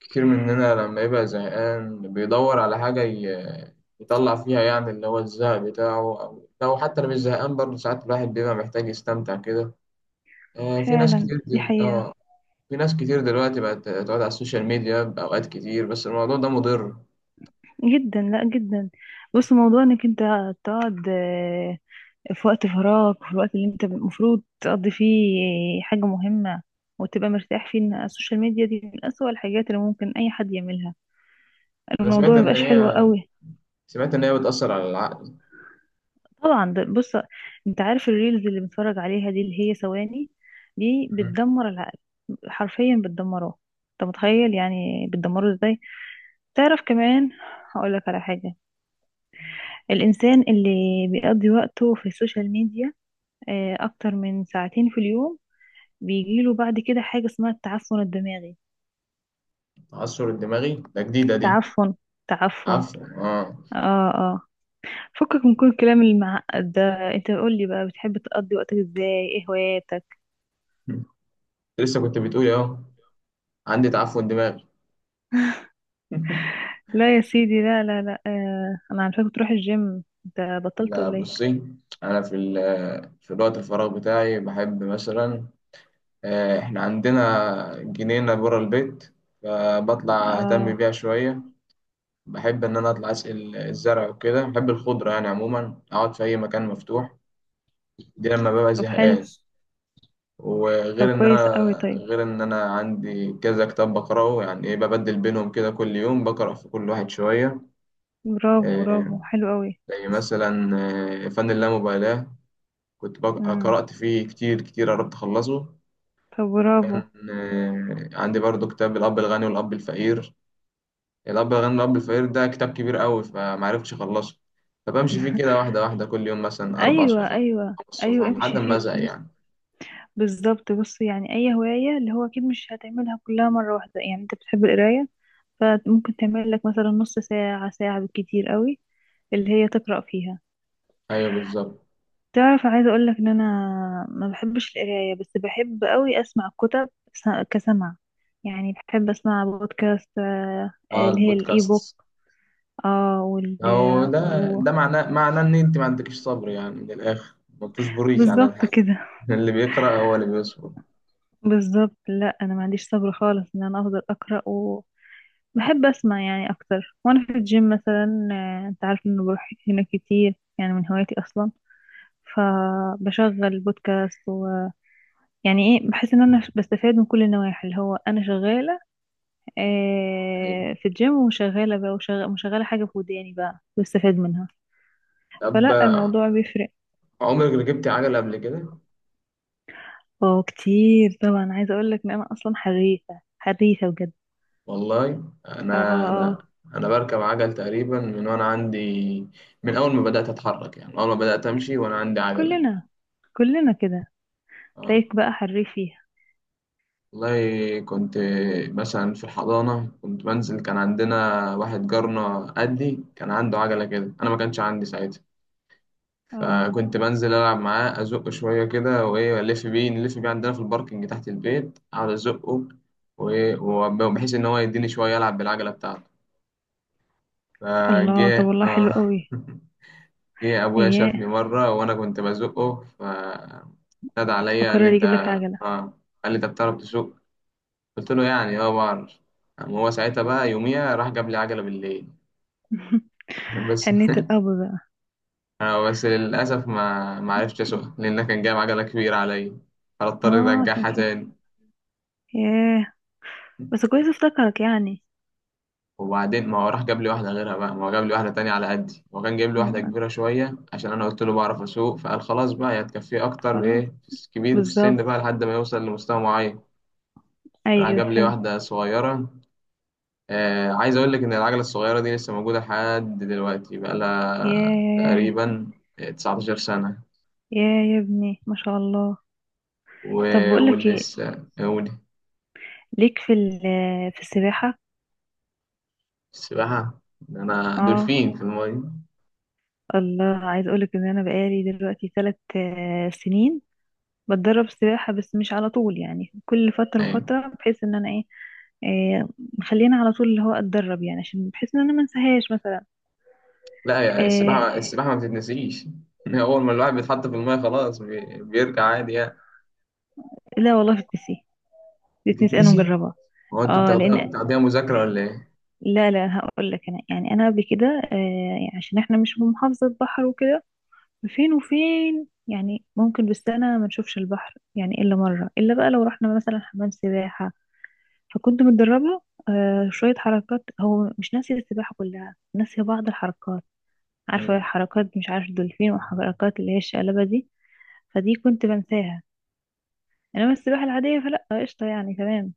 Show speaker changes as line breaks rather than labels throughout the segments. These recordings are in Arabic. كتير مننا لما يبقى زهقان بيدور على يطلع فيها، يعني اللي هو الزهق بتاعه، أو لو حتى لو مش زهقان برضه ساعات الواحد بيبقى محتاج يستمتع كده. في ناس
فعلا
كتير
دي
دل...
حقيقة
آه في ناس كتير دلوقتي بقت تقعد على السوشيال ميديا بأوقات كتير، بس الموضوع ده مضر.
جدا، لا جدا. بص، موضوع انك انت تقعد، في وقت فراغك، في الوقت اللي انت المفروض تقضي فيه حاجة مهمة وتبقى مرتاح فيه، ان السوشيال ميديا دي من أسوأ الحاجات اللي ممكن اي حد يعملها.
أنا
الموضوع
سمعت إن
مبقاش حلو
هي،
قوي.
سمعت إن هي بتأثر على العقل.
طبعا ده، بص، انت عارف الريلز اللي بنتفرج عليها دي اللي هي ثواني؟ دي
مم.
بتدمر العقل. حرفيا بتدمره. انت متخيل يعني بتدمره ازاي؟ تعرف كمان، هقول لك على حاجة. الإنسان اللي بيقضي وقته في السوشيال ميديا أكتر من ساعتين في اليوم، بيجيله بعد كده حاجة اسمها التعفن الدماغي.
التعثر الدماغي ده جديدة دي.
التعفن. تعفن.
عفوا آه.
اه، اه. فكك من كل الكلام المعقد ده. انت قول لي بقى، بتحب تقضي وقتك ازاي؟ ايه هواياتك؟
لسه كنت بتقولي أهو عندي تعفن دماغي.
لا يا سيدي، لا لا لا، انا عارفاك بتروح الجيم، انت بطلت
لا
ولا ايه؟
بصي، أنا في في الوقت الفراغ بتاعي بحب مثلا، إحنا عندنا جنينة برا البيت، فبطلع أهتم
اه.
بيها شوية. بحب إن أنا أطلع أسقي الزرع وكده، بحب الخضرة يعني عموما أقعد في أي مكان مفتوح، دي لما ببقى
طب حلو.
زهقان.
طب
وغير إن
كويس قوي.
أنا
طيب.
غير إن أنا عندي كذا كتاب بقرأه، يعني إيه ببدل بينهم كده كل يوم بقرأ في كل واحد شوية.
برافو، برافو.
آه،
حلو قوي.
زي مثلا، فن اللامبالاة، كنت
امم.
قرأت فيه كتير كتير، قربت أخلصه.
طب برافو.
عندي برضو كتاب الأب الغني والأب الفقير. الأب الغني والأب الفقير ده كتاب كبير قوي فمعرفتش أخلصه، فبمشي فيه كده واحدة واحدة، كل يوم مثلا أربع
ايوه
صفح،
ايوه
خمس
ايوه،
صفح لحد
امشي
ما
فيه.
أزهق
بص،
يعني.
بالظبط. بص، يعني اي هوايه اللي هو اكيد مش هتعملها كلها مره واحده. يعني انت بتحب القرايه، فممكن تعمل لك مثلا نص ساعه، ساعه بالكتير قوي اللي هي تقرا فيها.
أيوه بالظبط.
تعرف، عايزه اقول لك ان انا ما بحبش القرايه، بس بحب قوي اسمع كتب. كسمع، يعني بحب اسمع بودكاست
أه
اللي هي الاي بوك.
البودكاست،
اه
أو ده
و...
ده معناه إن أنت ما عندكش صبر يعني من الآخر، ما بتصبريش على
بالظبط
الحاجة.
كده.
اللي بيقرأ هو اللي بيصبر.
بالظبط. لا انا ما عنديش صبر خالص، ان انا افضل اقرا. بحب أسمع يعني أكتر وأنا في الجيم مثلا. أنت عارف إنه بروح هنا كتير، يعني من هوايتي أصلا. فبشغل بودكاست يعني إيه، بحس إن أنا بستفاد من كل النواحي اللي هو أنا شغالة
أيوه.
في الجيم، وشغالة بقى، وشغالة حاجة في وداني، بقى بستفاد منها.
طب
فلا الموضوع بيفرق.
عمرك ركبتي عجلة قبل كده؟
اه كتير طبعا. عايزة أقول لك إن أنا أصلا حريفة، حريفة بجد.
والله
اه
انا
اه
انا
أه.
انا بركب عجل تقريبا من وانا عندي، من اول ما بدات اتحرك، يعني اول ما بدات امشي وانا عندي عجله.
كلنا كلنا كده.
اه
تلاقيك بقى حريف فيها.
والله كنت مثلا في الحضانه كنت بنزل، كان عندنا واحد جارنا قدي كان عنده عجله كده، انا ما كانش عندي ساعتها،
اه.
فكنت بنزل العب معاه ازقه شويه كده، وايه الف بيه نلف بيه عندنا في الباركنج تحت البيت، اقعد ازقه وبحيث ان هو يديني شويه العب بالعجله بتاعته.
الله، طب
فجاء
والله حلو
اه.
قوي.
ايه ابويا
اياه،
شافني مره وانا كنت بزقه، فنادى عليا قال لي
فقرر
انت
يجيب لك عجلة.
اه، قال لي انت بتعرف تسوق؟ قلت له يعني اه بعرف. قام هو ساعتها بقى يوميها راح جاب لي عجله بالليل. بس
حنية الأب بقى.
آه، بس للاسف ما عرفتش اسوقها، لان كان جايب عجله كبيره عليا، فاضطر
اه، عشان
ارجعها
كده.
تاني.
ياه. بس كويس افتكرك يعني.
وبعدين ما هو راح جاب لي واحده غيرها بقى، ما هو جاب لي واحده تانية على قدي، هو كان جايب لي واحده
م-
كبيره شويه عشان انا قلت له بعرف اسوق، فقال خلاص بقى هي هتكفيه اكتر،
خلاص.
ايه في كبير في السن
بالظبط.
بقى لحد ما يوصل لمستوى معين. راح
ايوه
جاب لي
فهمت.
واحدة صغيرة. آه عايز أقول لك إن العجلة الصغيرة دي لسه موجودة لحد دلوقتي بقالها
ياه.
تقريبا 19 سنة.
ياه يا ابني، ما شاء الله. طب بقولك ايه،
ولسه أقول.
ليك في في السباحة؟
السباحة، ده أنا
اه
دولفين في المية.
الله، عايز اقولك ان انا بقالي دلوقتي 3 سنين بتدرب سباحة، بس مش على طول. يعني كل فترة
أيوة.
وفترة، بحيث ان انا ايه، إيه مخليني على طول اللي هو اتدرب، يعني عشان بحيث ان انا ما انساهاش مثلا.
لا يا،
آه.
السباحة السباحة ما بتتنسيش. أول ما الواحد بيتحط في المية خلاص بيرجع عادي يعني.
لا والله في البي سي الاتنين انا
بتتنسي.
مجربها.
هو أنتوا
اه
بتاخدوها
لان،
بتاخدوها مذاكرة ولا
لا هقول لك انا، يعني انا قبل كده آه يعني عشان احنا مش في محافظه بحر وكده، فين وفين. يعني ممكن بالسنه ما نشوفش البحر، يعني الا مره، الا بقى لو رحنا مثلا حمام سباحه. فكنت متدربه شويه حركات. هو مش ناسي السباحه كلها، ناسي بعض الحركات. عارفه
إيه؟
حركات مش عارف، دولفين وحركات اللي هي الشقلبه دي، فدي كنت بنساها. انما السباحه العاديه فلا، قشطه يعني، تمام.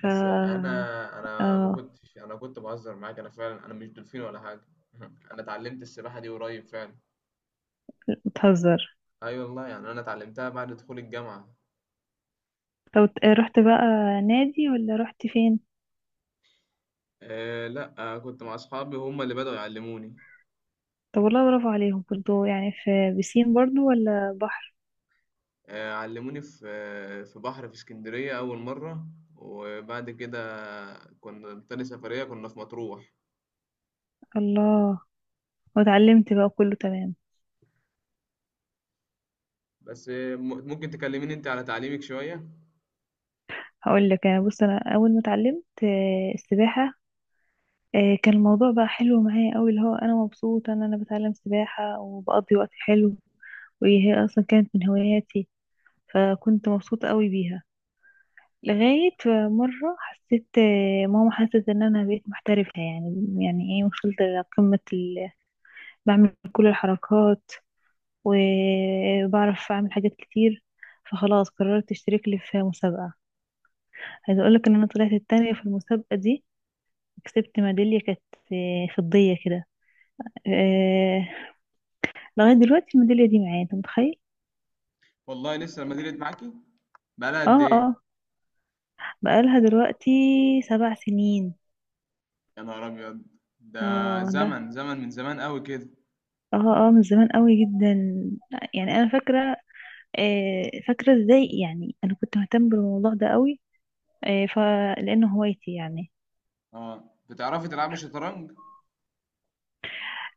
ف
انا، انا ما
اه،
كنتش انا كنت بهزر معاك، انا فعلا انا مش دولفين ولا حاجه. انا اتعلمت السباحه دي قريب فعلا،
بتهزر.
اي والله يعني انا اتعلمتها بعد دخول الجامعه.
طب رحت بقى نادي ولا رحت فين؟
أه لا أه كنت مع اصحابي هم اللي بدأوا يعلموني.
طب والله برافو عليهم برضو. يعني في بسين برضو ولا بحر؟
أه علموني في في بحر في اسكندريه اول مره، وبعد كده كنا تاني سفريه كنا في مطروح.
الله، واتعلمت بقى كله تمام.
بس ممكن تكلميني انت على تعليمك شويه.
هقول لك انا، بص، انا اول ما اتعلمت السباحه كان الموضوع بقى حلو معايا قوي، اللي هو انا مبسوطه ان انا بتعلم سباحه وبقضي وقت حلو. وهي اصلا كانت من هواياتي، فكنت مبسوطه قوي بيها. لغاية مرة حسيت، ماما حست ان انا بقيت محترفة، يعني ايه، وصلت لقمة بعمل كل الحركات وبعرف اعمل حاجات كتير. فخلاص قررت اشترك لي في مسابقة. عايزة اقولك ان انا طلعت التانية في المسابقة دي، كسبت ميدالية كانت فضية كده. آه، لغاية دلوقتي الميدالية دي معايا، انت متخيل؟
والله لسه المدينه معاكي، بقالها قد
اه
ايه؟
اه، بقالها دلوقتي 7 سنين.
يا نهار ابيض، ده
اه ده،
زمن، زمن من زمان قوي كده.
اه اه، من زمان قوي جدا. يعني انا فاكرة، فاكرة ازاي يعني انا كنت مهتم بالموضوع ده قوي. فلانه هوايتي يعني.
آه، بتعرفي تلعبي شطرنج؟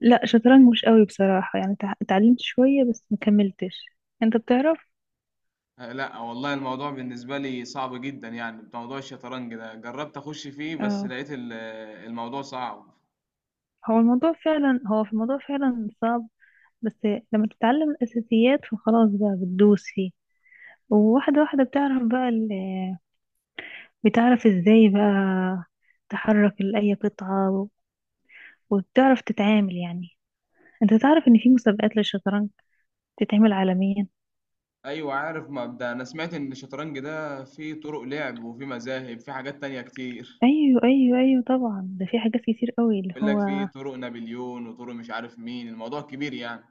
لا، شطرنج مش قوي بصراحة، يعني اتعلمت شوية بس ما كملتش. انت بتعرف؟
لا والله الموضوع بالنسبة لي صعب جدا يعني، موضوع الشطرنج ده جربت أخش فيه بس
اه.
لقيت الموضوع صعب.
هو في الموضوع فعلا صعب، بس لما تتعلم الاساسيات فخلاص بقى، بتدوس فيه وواحدة واحدة، بتعرف بقى بتعرف ازاي بقى تحرك لأي قطعة، وبتعرف تتعامل. يعني انت تعرف ان في مسابقات للشطرنج بتتعمل عالميا.
أيوة عارف مبدأ، أنا سمعت إن الشطرنج ده فيه طرق لعب، وفيه مذاهب، فيه حاجات تانية كتير.
ايوه ايوه ايوه طبعا، ده في حاجات كتير قوي اللي
بيقول لك
هو.
فيه طرق نابليون وطرق مش عارف مين، الموضوع كبير يعني.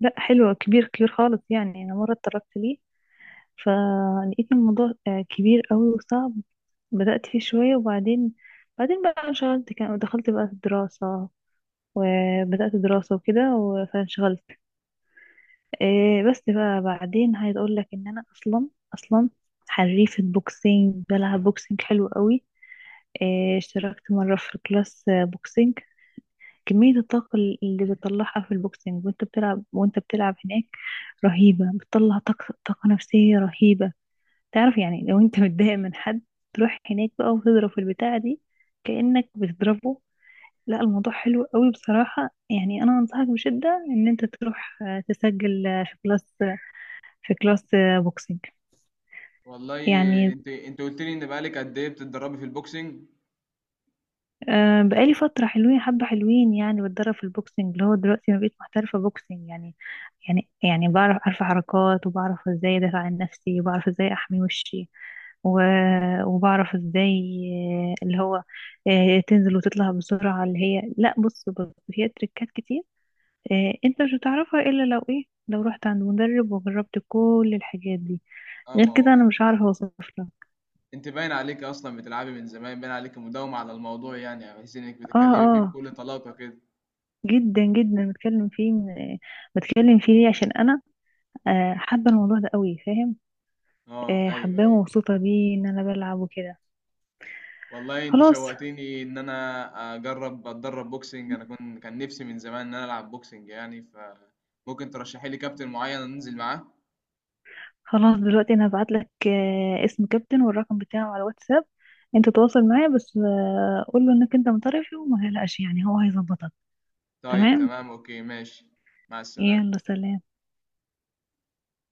لا حلو، كبير، كبير خالص يعني. انا مره اتطرقت ليه، فلقيت الموضوع كبير قوي وصعب. بدات فيه شويه وبعدين، بعدين بقى انشغلت، كان دخلت بقى في الدراسه، وبدات دراسه وكده فانشغلت. إيه بس بقى بعدين، عايز اقول لك ان انا اصلا حريفه بوكسينج، بلعب بوكسينج حلو قوي. إيه، اشتركت مره في كلاس بوكسينج. كمية الطاقة اللي بتطلعها في البوكسينج وانت بتلعب، وانت بتلعب هناك رهيبة. بتطلع طاقة نفسية رهيبة. تعرف يعني، لو انت متضايق من حد تروح هناك بقى وتضرب في البتاعة دي كأنك بتضربه. لا الموضوع حلو قوي بصراحة، يعني انا انصحك بشدة ان انت تروح تسجل في كلاس، بوكسينج
والله
يعني.
انت قلت لي ان بقالك قد ايه بتتدربي في البوكسنج؟
أه بقالي فترة حلوين، حبة حلوين يعني بتدرب في البوكسنج، اللي هو دلوقتي ما بقيت محترفة بوكسنج يعني. يعني يعني بعرف، عارفة حركات، وبعرف ازاي ادافع عن نفسي، وبعرف ازاي احمي وشي و... وبعرف ازاي آه، اللي هو آه، تنزل وتطلع بسرعة، اللي هي لا، بص بص، هي تريكات كتير. انت مش هتعرفها الا لو ايه، لو رحت عند مدرب وجربت كل الحاجات دي.
اه
غير
ما هو
كده انا
انت،
مش عارفة اوصف لك.
انت باين عليك اصلا بتلعبي من زمان، باين عليك مداومة على الموضوع يعني، بحيث انك
اه
بتتكلمي فيه
آه.
بكل طلاقة كده.
جدا جدا بتكلم فيه ليه؟ عشان انا حابه الموضوع ده قوي، فاهم؟
اه ايوه
حباه
ايوه.
ومبسوطه بيه ان انا بلعب وكده.
والله انت
خلاص،
شوقتني ان انا اجرب اتدرب بوكسنج، انا كنت كان نفسي من زمان ان انا العب بوكسنج يعني، فممكن ترشحي لي كابتن معين انزل معاه.
خلاص دلوقتي انا هبعت لك اسم كابتن والرقم بتاعه على الواتساب. انت تواصل معاه، بس قول له انك انت من طرفي، وما تقلقش يعني هو هيظبطك.
طيب
تمام.
تمام اوكي ماشي. مع السلامة.
يلا سلام.